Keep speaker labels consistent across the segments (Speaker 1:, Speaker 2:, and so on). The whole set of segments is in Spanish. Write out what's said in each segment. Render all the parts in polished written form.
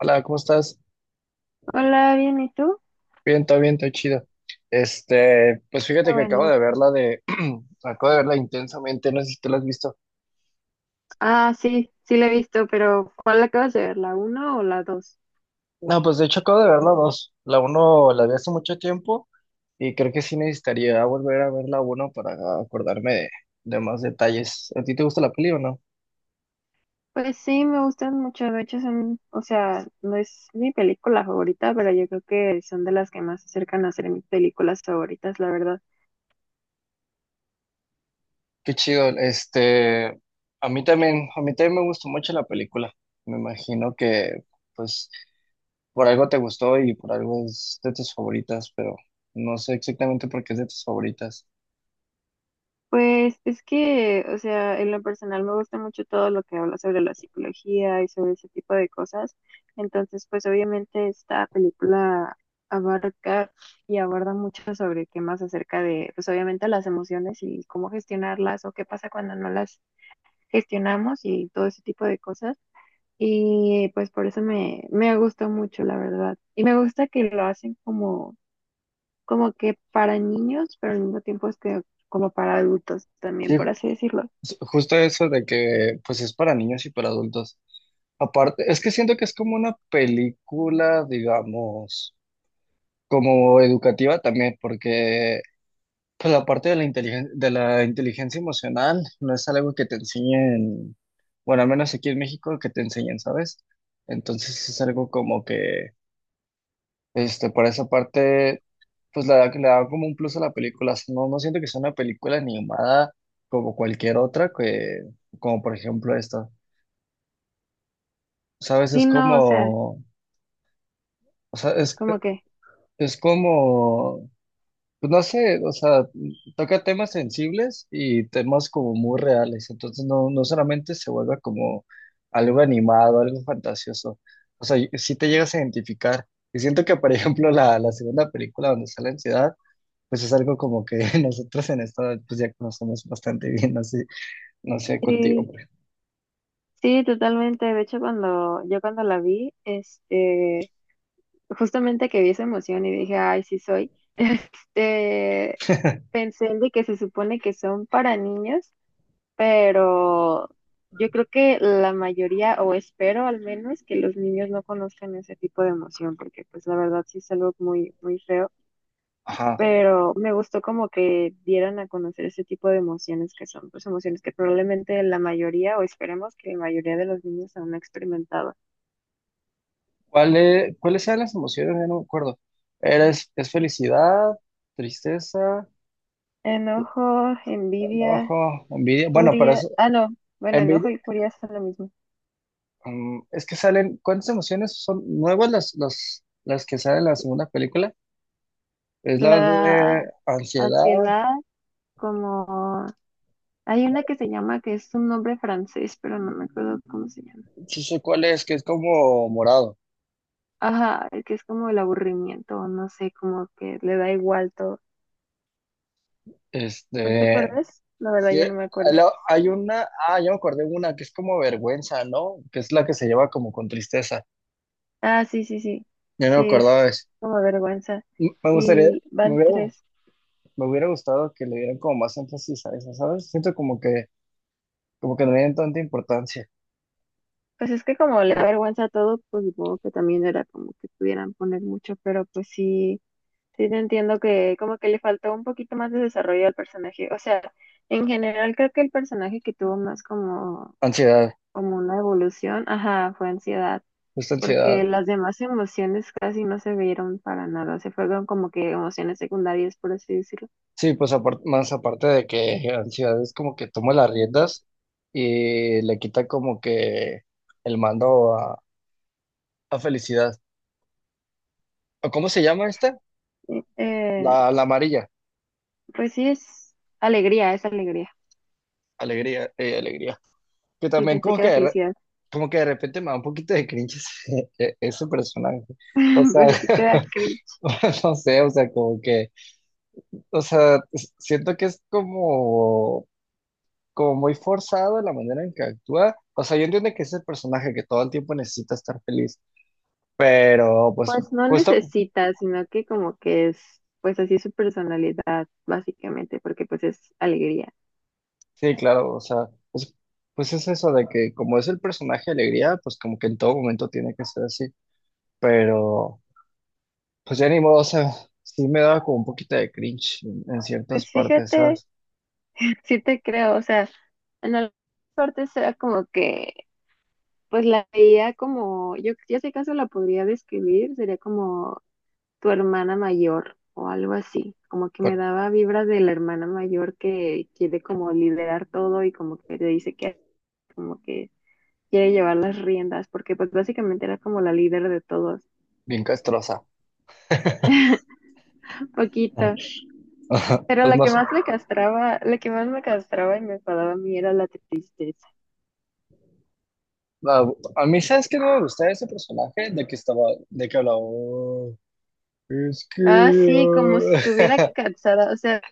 Speaker 1: Hola, ¿cómo estás?
Speaker 2: Hola, bien, ¿y tú?
Speaker 1: Bien, todo chido. Pues
Speaker 2: Ah,
Speaker 1: fíjate que acabo
Speaker 2: bueno.
Speaker 1: de acabo de verla intensamente, no sé si tú la has visto.
Speaker 2: Ah, sí, sí la he visto, pero ¿cuál acabas de ver? ¿La uno o la 2?
Speaker 1: No, pues de hecho acabo de verla dos. La uno la vi hace mucho tiempo y creo que sí necesitaría volver a ver la uno para acordarme de, de más detalles. ¿A ti te gusta la peli o no?
Speaker 2: Pues sí, me gustan mucho. De hecho, son, o sea, no es mi película favorita, pero yo creo que son de las que más se acercan a ser mis películas favoritas, la verdad.
Speaker 1: Qué chido. A mí también, a mí también me gustó mucho la película. Me imagino que, pues por algo te gustó y por algo es de tus favoritas, pero no sé exactamente por qué es de tus favoritas.
Speaker 2: Pues es que, o sea, en lo personal me gusta mucho todo lo que habla sobre la psicología y sobre ese tipo de cosas. Entonces, pues obviamente esta película abarca y aborda mucho sobre temas acerca de, pues obviamente las emociones y cómo gestionarlas o qué pasa cuando no las gestionamos y todo ese tipo de cosas. Y pues por eso me gustó mucho, la verdad. Y me gusta que lo hacen como que para niños, pero al mismo tiempo es que como para adultos también,
Speaker 1: Sí,
Speaker 2: por así decirlo.
Speaker 1: justo eso de que pues es para niños y para adultos. Aparte, es que siento que es como una película, digamos, como educativa también, porque pues la parte de la inteligencia emocional no es algo que te enseñen, bueno, al menos aquí en México que te enseñen, ¿sabes? Entonces es algo como que. Por esa parte, pues le da como un plus a la película. O sea, no, no siento que sea una película animada como cualquier otra, como por ejemplo esta. ¿Sabes?
Speaker 2: Sí, no, o sea,
Speaker 1: O sea, es,
Speaker 2: como que
Speaker 1: es como, pues no sé, o sea, toca temas sensibles y temas como muy reales. Entonces no, no solamente se vuelve como algo animado, algo fantasioso. O sea, si te llegas a identificar. Y siento que, por ejemplo, la segunda película donde sale la ansiedad, pues es algo como que nosotros en esto pues ya conocemos bastante bien, no sé, no sé
Speaker 2: sí,
Speaker 1: contigo, pero...
Speaker 2: sí, totalmente. De hecho, cuando la vi, justamente que vi esa emoción y dije, ay, sí soy, este, pensé en de que se supone que son para niños, pero yo creo que la mayoría, o espero al menos, que los niños no conozcan ese tipo de emoción, porque pues la verdad sí es algo muy, muy feo.
Speaker 1: Ajá.
Speaker 2: Pero me gustó como que dieran a conocer ese tipo de emociones que son, pues emociones que probablemente la mayoría, o esperemos que la mayoría de los niños aún no ha experimentado.
Speaker 1: ¿Cuáles eran las emociones? Ya no me acuerdo. Es felicidad, tristeza,
Speaker 2: Enojo, envidia,
Speaker 1: enojo, envidia? Bueno, pero
Speaker 2: furia,
Speaker 1: es
Speaker 2: ah, no, bueno,
Speaker 1: envidia.
Speaker 2: enojo y furia son lo mismo.
Speaker 1: Mm, es que salen, ¿cuántas emociones son nuevas las que salen en la segunda película? Es la
Speaker 2: La
Speaker 1: de ansiedad.
Speaker 2: ansiedad, como, hay
Speaker 1: No,
Speaker 2: una que se llama, que es un nombre francés, pero no me acuerdo cómo se llama.
Speaker 1: sí sé cuál es, que es como morado.
Speaker 2: Ajá, el que es como el aburrimiento, no sé, como que le da igual todo. ¿No te
Speaker 1: Este,
Speaker 2: acuerdas? La verdad,
Speaker 1: Sí,
Speaker 2: yo no me acuerdo.
Speaker 1: hay una, ah, ya me acordé de una que es como vergüenza, ¿no? Que es la que se lleva como con tristeza.
Speaker 2: Ah, sí, sí, sí.
Speaker 1: Ya no me
Speaker 2: Sí, es
Speaker 1: acordaba de eso.
Speaker 2: como vergüenza.
Speaker 1: Me
Speaker 2: Y
Speaker 1: me
Speaker 2: van
Speaker 1: hubiera,
Speaker 2: tres.
Speaker 1: me hubiera gustado que le dieran como más énfasis a esa, ¿sabes? Siento como como que no le dieron tanta importancia.
Speaker 2: Pues es que como le da vergüenza a todo, pues supongo que también era como que pudieran poner mucho, pero pues sí, sí te entiendo que como que le faltó un poquito más de desarrollo al personaje. O sea, en general creo que el personaje que tuvo más como,
Speaker 1: Ansiedad,
Speaker 2: como una evolución, ajá, fue ansiedad,
Speaker 1: esta
Speaker 2: porque
Speaker 1: ansiedad.
Speaker 2: las demás emociones casi no se vieron para nada, se fueron como que emociones secundarias, por así decirlo.
Speaker 1: Sí, pues aparte, más aparte de que ansiedad es como que toma las riendas y le quita como que el mando a felicidad. ¿O Cómo se llama esta?
Speaker 2: Eh,
Speaker 1: La amarilla.
Speaker 2: Pues sí es alegría, es alegría.
Speaker 1: Alegría, alegría. Que
Speaker 2: Sí,
Speaker 1: también
Speaker 2: pensé
Speaker 1: como
Speaker 2: que era felicidad.
Speaker 1: como que de repente me da un poquito de cringe ese personaje. O sea,
Speaker 2: Porque te da cringe.
Speaker 1: no sé, o sea, como o sea, siento que es como, como muy forzado la manera en que actúa. O sea, yo entiendo que es el personaje que todo el tiempo necesita estar feliz, pero pues
Speaker 2: Pues no
Speaker 1: justo,
Speaker 2: necesita, sino que como que es, pues así su personalidad, básicamente, porque pues es alegría.
Speaker 1: sí, claro, o sea, pues, pues es eso de que como es el personaje de alegría, pues como que en todo momento tiene que ser así, pero... Pues ya ni modo, o sea, sí me daba como un poquito de cringe en
Speaker 2: Pues
Speaker 1: ciertas partes,
Speaker 2: fíjate,
Speaker 1: ¿sabes?
Speaker 2: sí te creo, o sea, en algunas partes era como que, pues la veía como, yo si acaso la podría describir, sería como tu hermana mayor o algo así, como que me
Speaker 1: Pa-
Speaker 2: daba vibras de la hermana mayor que quiere como liderar todo y como que te dice que como que quiere llevar las riendas, porque pues básicamente era como la líder de todos,
Speaker 1: Bien castrosa.
Speaker 2: un poquito.
Speaker 1: Ajá.
Speaker 2: Pero
Speaker 1: Pues
Speaker 2: la que
Speaker 1: más,
Speaker 2: más me castraba, la que más me castraba y me enfadaba a mí era la tristeza.
Speaker 1: a, a mí, ¿sabes qué no me gustaba ese personaje? De que de que hablaba, "Oh, es que...
Speaker 2: Ah, sí, como si
Speaker 1: ah".
Speaker 2: estuviera cansada, o sea,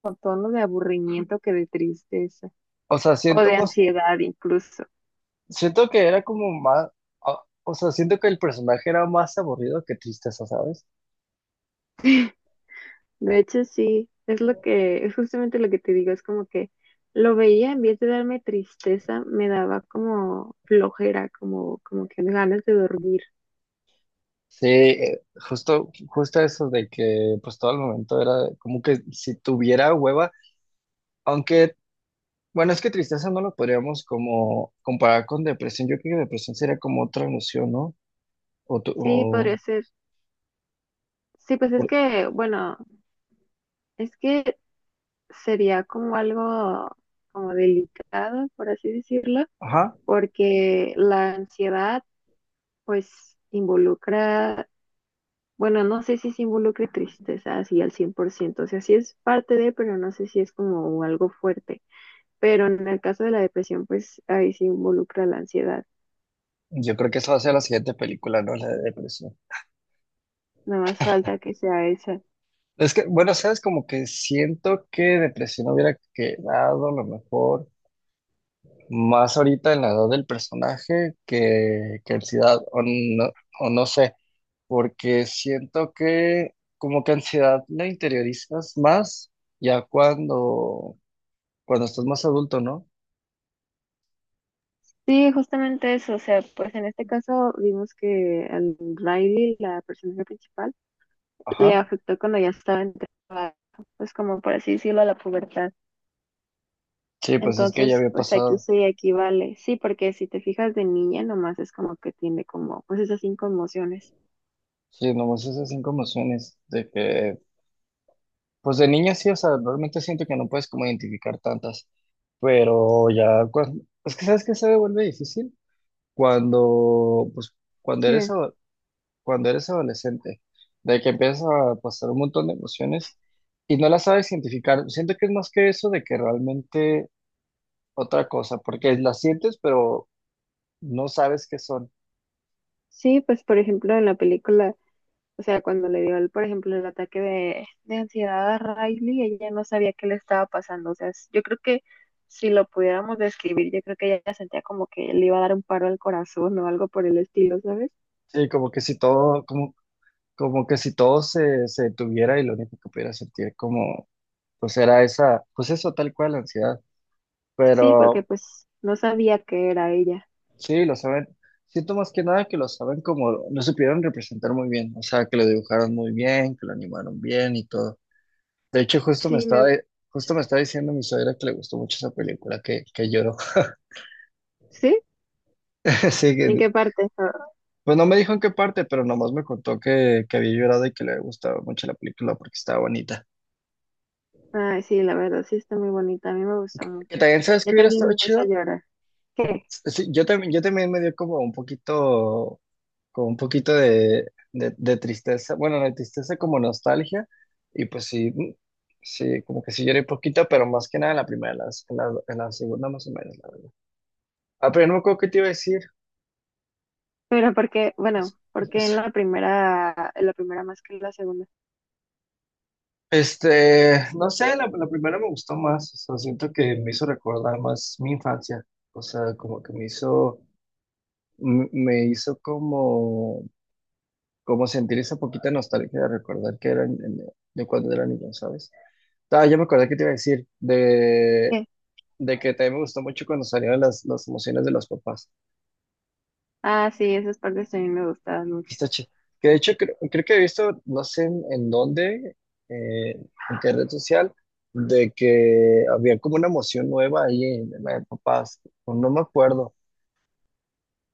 Speaker 2: con tono de aburrimiento que de tristeza,
Speaker 1: O sea,
Speaker 2: o
Speaker 1: siento
Speaker 2: de
Speaker 1: más,
Speaker 2: ansiedad incluso.
Speaker 1: Siento que era como más, ah, o sea, siento que el personaje era más aburrido que tristeza, ¿sabes?
Speaker 2: De hecho, sí, es justamente lo que te digo, es como que lo veía, en vez de darme tristeza, me daba como flojera, como que ganas de dormir.
Speaker 1: Sí, justo eso de que pues todo el momento era como que si tuviera hueva, aunque... Bueno, es que tristeza no lo podríamos como comparar con depresión. Yo creo que depresión sería como otra emoción, ¿no? O, tu-
Speaker 2: Sí, podría ser. Sí, pues es
Speaker 1: o-
Speaker 2: que, bueno, es que sería como algo como delicado, por así decirlo,
Speaker 1: Ajá.
Speaker 2: porque la ansiedad pues involucra, bueno, no sé si se involucre tristeza así al 100%, o sea, sí es parte de, pero no sé si es como algo fuerte. Pero en el caso de la depresión, pues ahí sí involucra la ansiedad,
Speaker 1: Yo creo que esa va a ser la siguiente película, ¿no? La de depresión.
Speaker 2: nada más falta que sea esa.
Speaker 1: Es que, bueno, sabes, como que siento que depresión hubiera quedado a lo mejor más ahorita en la edad del personaje que ansiedad, o no sé, porque siento que como que ansiedad la interiorizas más ya cuando estás más adulto, ¿no?
Speaker 2: Sí, justamente eso, o sea, pues en este caso vimos que al Riley, la personaje principal, le
Speaker 1: Ajá.
Speaker 2: afectó cuando ya estaba en trabajo, pues como por así decirlo, a la pubertad.
Speaker 1: Sí, pues es que ya
Speaker 2: Entonces,
Speaker 1: había
Speaker 2: pues aquí
Speaker 1: pasado.
Speaker 2: sí, aquí vale. Sí, porque si te fijas de niña, nomás es como que tiene como, pues esas cinco emociones.
Speaker 1: Sí, nomás esas cinco emociones de que pues de niña sí, o sea, realmente siento que no puedes como identificar tantas, pero ya cuando, es que sabes que se vuelve difícil cuando, pues, cuando
Speaker 2: Sí,
Speaker 1: eres, cuando eres adolescente, de que empiezas a pasar un montón de emociones y no las sabes identificar. Siento que es más que eso de que realmente otra cosa, porque las sientes, pero no sabes qué son.
Speaker 2: sí, pues por ejemplo en la película, o sea, cuando le dio, el, por ejemplo, el ataque de ansiedad a Riley, ella no sabía qué le estaba pasando. O sea, yo creo que si lo pudiéramos describir, yo creo que ella sentía como que le iba a dar un paro al corazón o algo por el estilo, ¿sabes?
Speaker 1: Sí, como que si todo, como... Como que si todo se detuviera y lo único que pudiera sentir como, pues era esa, pues eso tal cual, ansiedad.
Speaker 2: Sí, porque
Speaker 1: Pero
Speaker 2: pues no sabía qué era ella.
Speaker 1: sí, lo saben, siento más que nada que lo saben como, lo supieron representar muy bien, o sea, que lo dibujaron muy bien, que lo animaron bien y todo. De hecho,
Speaker 2: Sí, me...
Speaker 1: justo me estaba diciendo mi suegra que le gustó mucho esa película, que lloró.
Speaker 2: ¿Sí?
Speaker 1: Sí
Speaker 2: ¿En qué parte?
Speaker 1: pues no me dijo en qué parte, pero nomás me contó que había llorado y que le había gustado mucho la película porque estaba bonita.
Speaker 2: Ay, sí, la verdad, sí está muy bonita. A mí me gustó
Speaker 1: Que
Speaker 2: mucho.
Speaker 1: también sabes que
Speaker 2: Yo
Speaker 1: hubiera
Speaker 2: también
Speaker 1: estado
Speaker 2: me hizo
Speaker 1: chido.
Speaker 2: llorar. ¿Qué?
Speaker 1: Sí, yo también me dio como un poquito de tristeza, bueno, de tristeza como nostalgia, y pues sí, mm, sí, como que sí lloré poquito, pero más que nada en la primera, en la segunda más o menos, la verdad. Ah, pero no me acuerdo qué te iba a decir.
Speaker 2: Pero porque,
Speaker 1: Es-
Speaker 2: bueno, porque
Speaker 1: es-
Speaker 2: en la primera más que en la segunda.
Speaker 1: No sé, la primera me gustó más, o sea, siento que me hizo recordar más mi infancia, o sea, como que me me hizo como como sentir esa poquita nostalgia de recordar de cuando era niño, ¿sabes? Ah, ya me acordé que te iba a decir
Speaker 2: ¿Qué?
Speaker 1: de que también me gustó mucho cuando salieron las emociones de los papás.
Speaker 2: Ah, sí, esas partes también me gustaban mucho.
Speaker 1: Está chi- Que de hecho creo que he visto, no sé en dónde, eh, en qué red social, de que había como una emoción nueva ahí en la de papás. No, no me acuerdo. O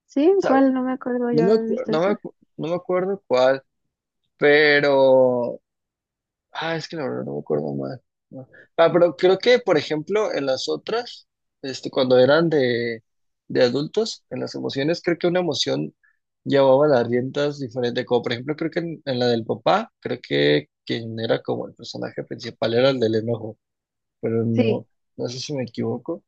Speaker 2: ¿Sí?
Speaker 1: sea,
Speaker 2: ¿Cuál? No me acuerdo yo haber visto eso.
Speaker 1: No me acuerdo cuál, pero... Ah, es que la verdad no me acuerdo más. No. Ah, pero creo que, por ejemplo, en las otras, cuando eran de adultos, en las emociones, creo que una emoción llevaba las riendas diferentes. Como por ejemplo, creo que en la del papá, creo que quien era como el personaje principal era el del enojo, pero
Speaker 2: Sí,
Speaker 1: no, no sé si me equivoco.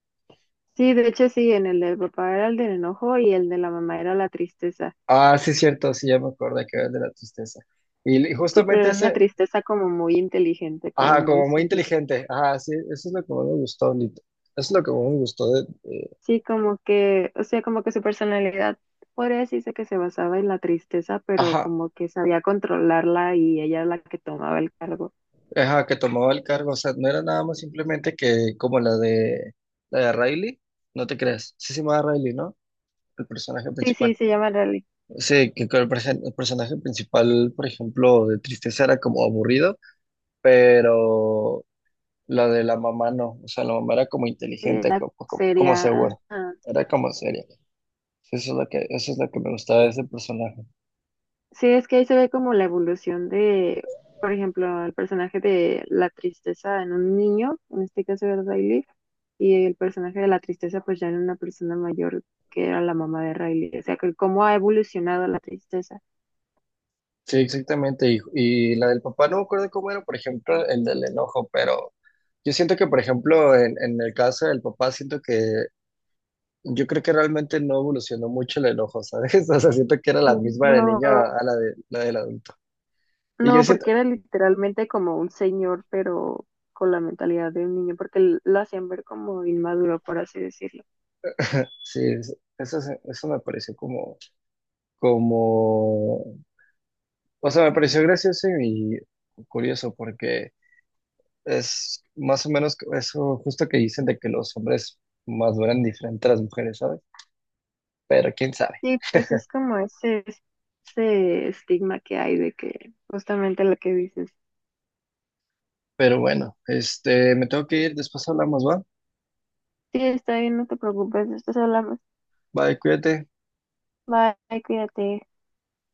Speaker 2: sí, de hecho sí, en el del papá era el del enojo y el de la mamá era la tristeza.
Speaker 1: Ah, sí, es cierto, sí, ya me acuerdo que era el de la tristeza. Y
Speaker 2: Sí, pero
Speaker 1: justamente
Speaker 2: era una
Speaker 1: ese,
Speaker 2: tristeza como muy inteligente, como
Speaker 1: ajá,
Speaker 2: muy
Speaker 1: como muy
Speaker 2: seria.
Speaker 1: inteligente, ajá, sí, eso es lo que más me gustó, Nito. Eso es lo que más me gustó
Speaker 2: Sí, como que, o sea, como que su personalidad podría decirse que se basaba en la tristeza, pero
Speaker 1: Ajá,
Speaker 2: como que sabía controlarla y ella era la que tomaba el cargo.
Speaker 1: ajá, que tomaba el cargo, o sea, no era nada más simplemente que como la de Riley, no te creas, sí se llamaba Riley, ¿no? El personaje
Speaker 2: Sí, sí,
Speaker 1: principal.
Speaker 2: se llama Rally.
Speaker 1: Sí, el personaje principal, por ejemplo, de Tristeza era como aburrido, pero la de la mamá no, o sea, la mamá era como
Speaker 2: Sí,
Speaker 1: inteligente,
Speaker 2: la
Speaker 1: como
Speaker 2: seria.
Speaker 1: segura,
Speaker 2: Ajá.
Speaker 1: era como seria. Eso es lo que me gustaba de ese personaje.
Speaker 2: Sí, es que ahí se ve como la evolución de, por ejemplo, el personaje de la tristeza en un niño, en este caso era Riley, y el personaje de la tristeza pues ya en una persona mayor que era la mamá de Riley. O sea, que cómo ha evolucionado la tristeza.
Speaker 1: Sí, exactamente. Y la del papá, no me acuerdo cómo era, por ejemplo, el del enojo, pero yo siento que, por ejemplo, en el caso del papá, siento que yo creo que realmente no evolucionó mucho el enojo, ¿sabes? O sea, siento que era la misma de niña
Speaker 2: No.
Speaker 1: a la del adulto. Y yo
Speaker 2: No,
Speaker 1: siento,
Speaker 2: porque era literalmente como un señor, pero con la mentalidad de un niño, porque lo hacían ver como inmaduro, por así decirlo.
Speaker 1: sí, eso me pareció como, o sea, me pareció gracioso y curioso porque es más o menos eso justo que dicen de que los hombres maduran diferente a las mujeres, ¿sabes? Pero quién sabe.
Speaker 2: Sí, pues es como ese estigma que hay de que justamente lo que dices.
Speaker 1: Pero bueno, este, me tengo que ir, después hablamos, ¿va?
Speaker 2: Sí, está bien, no te preocupes, después hablamos.
Speaker 1: Bye, cuídate.
Speaker 2: Bye, cuídate.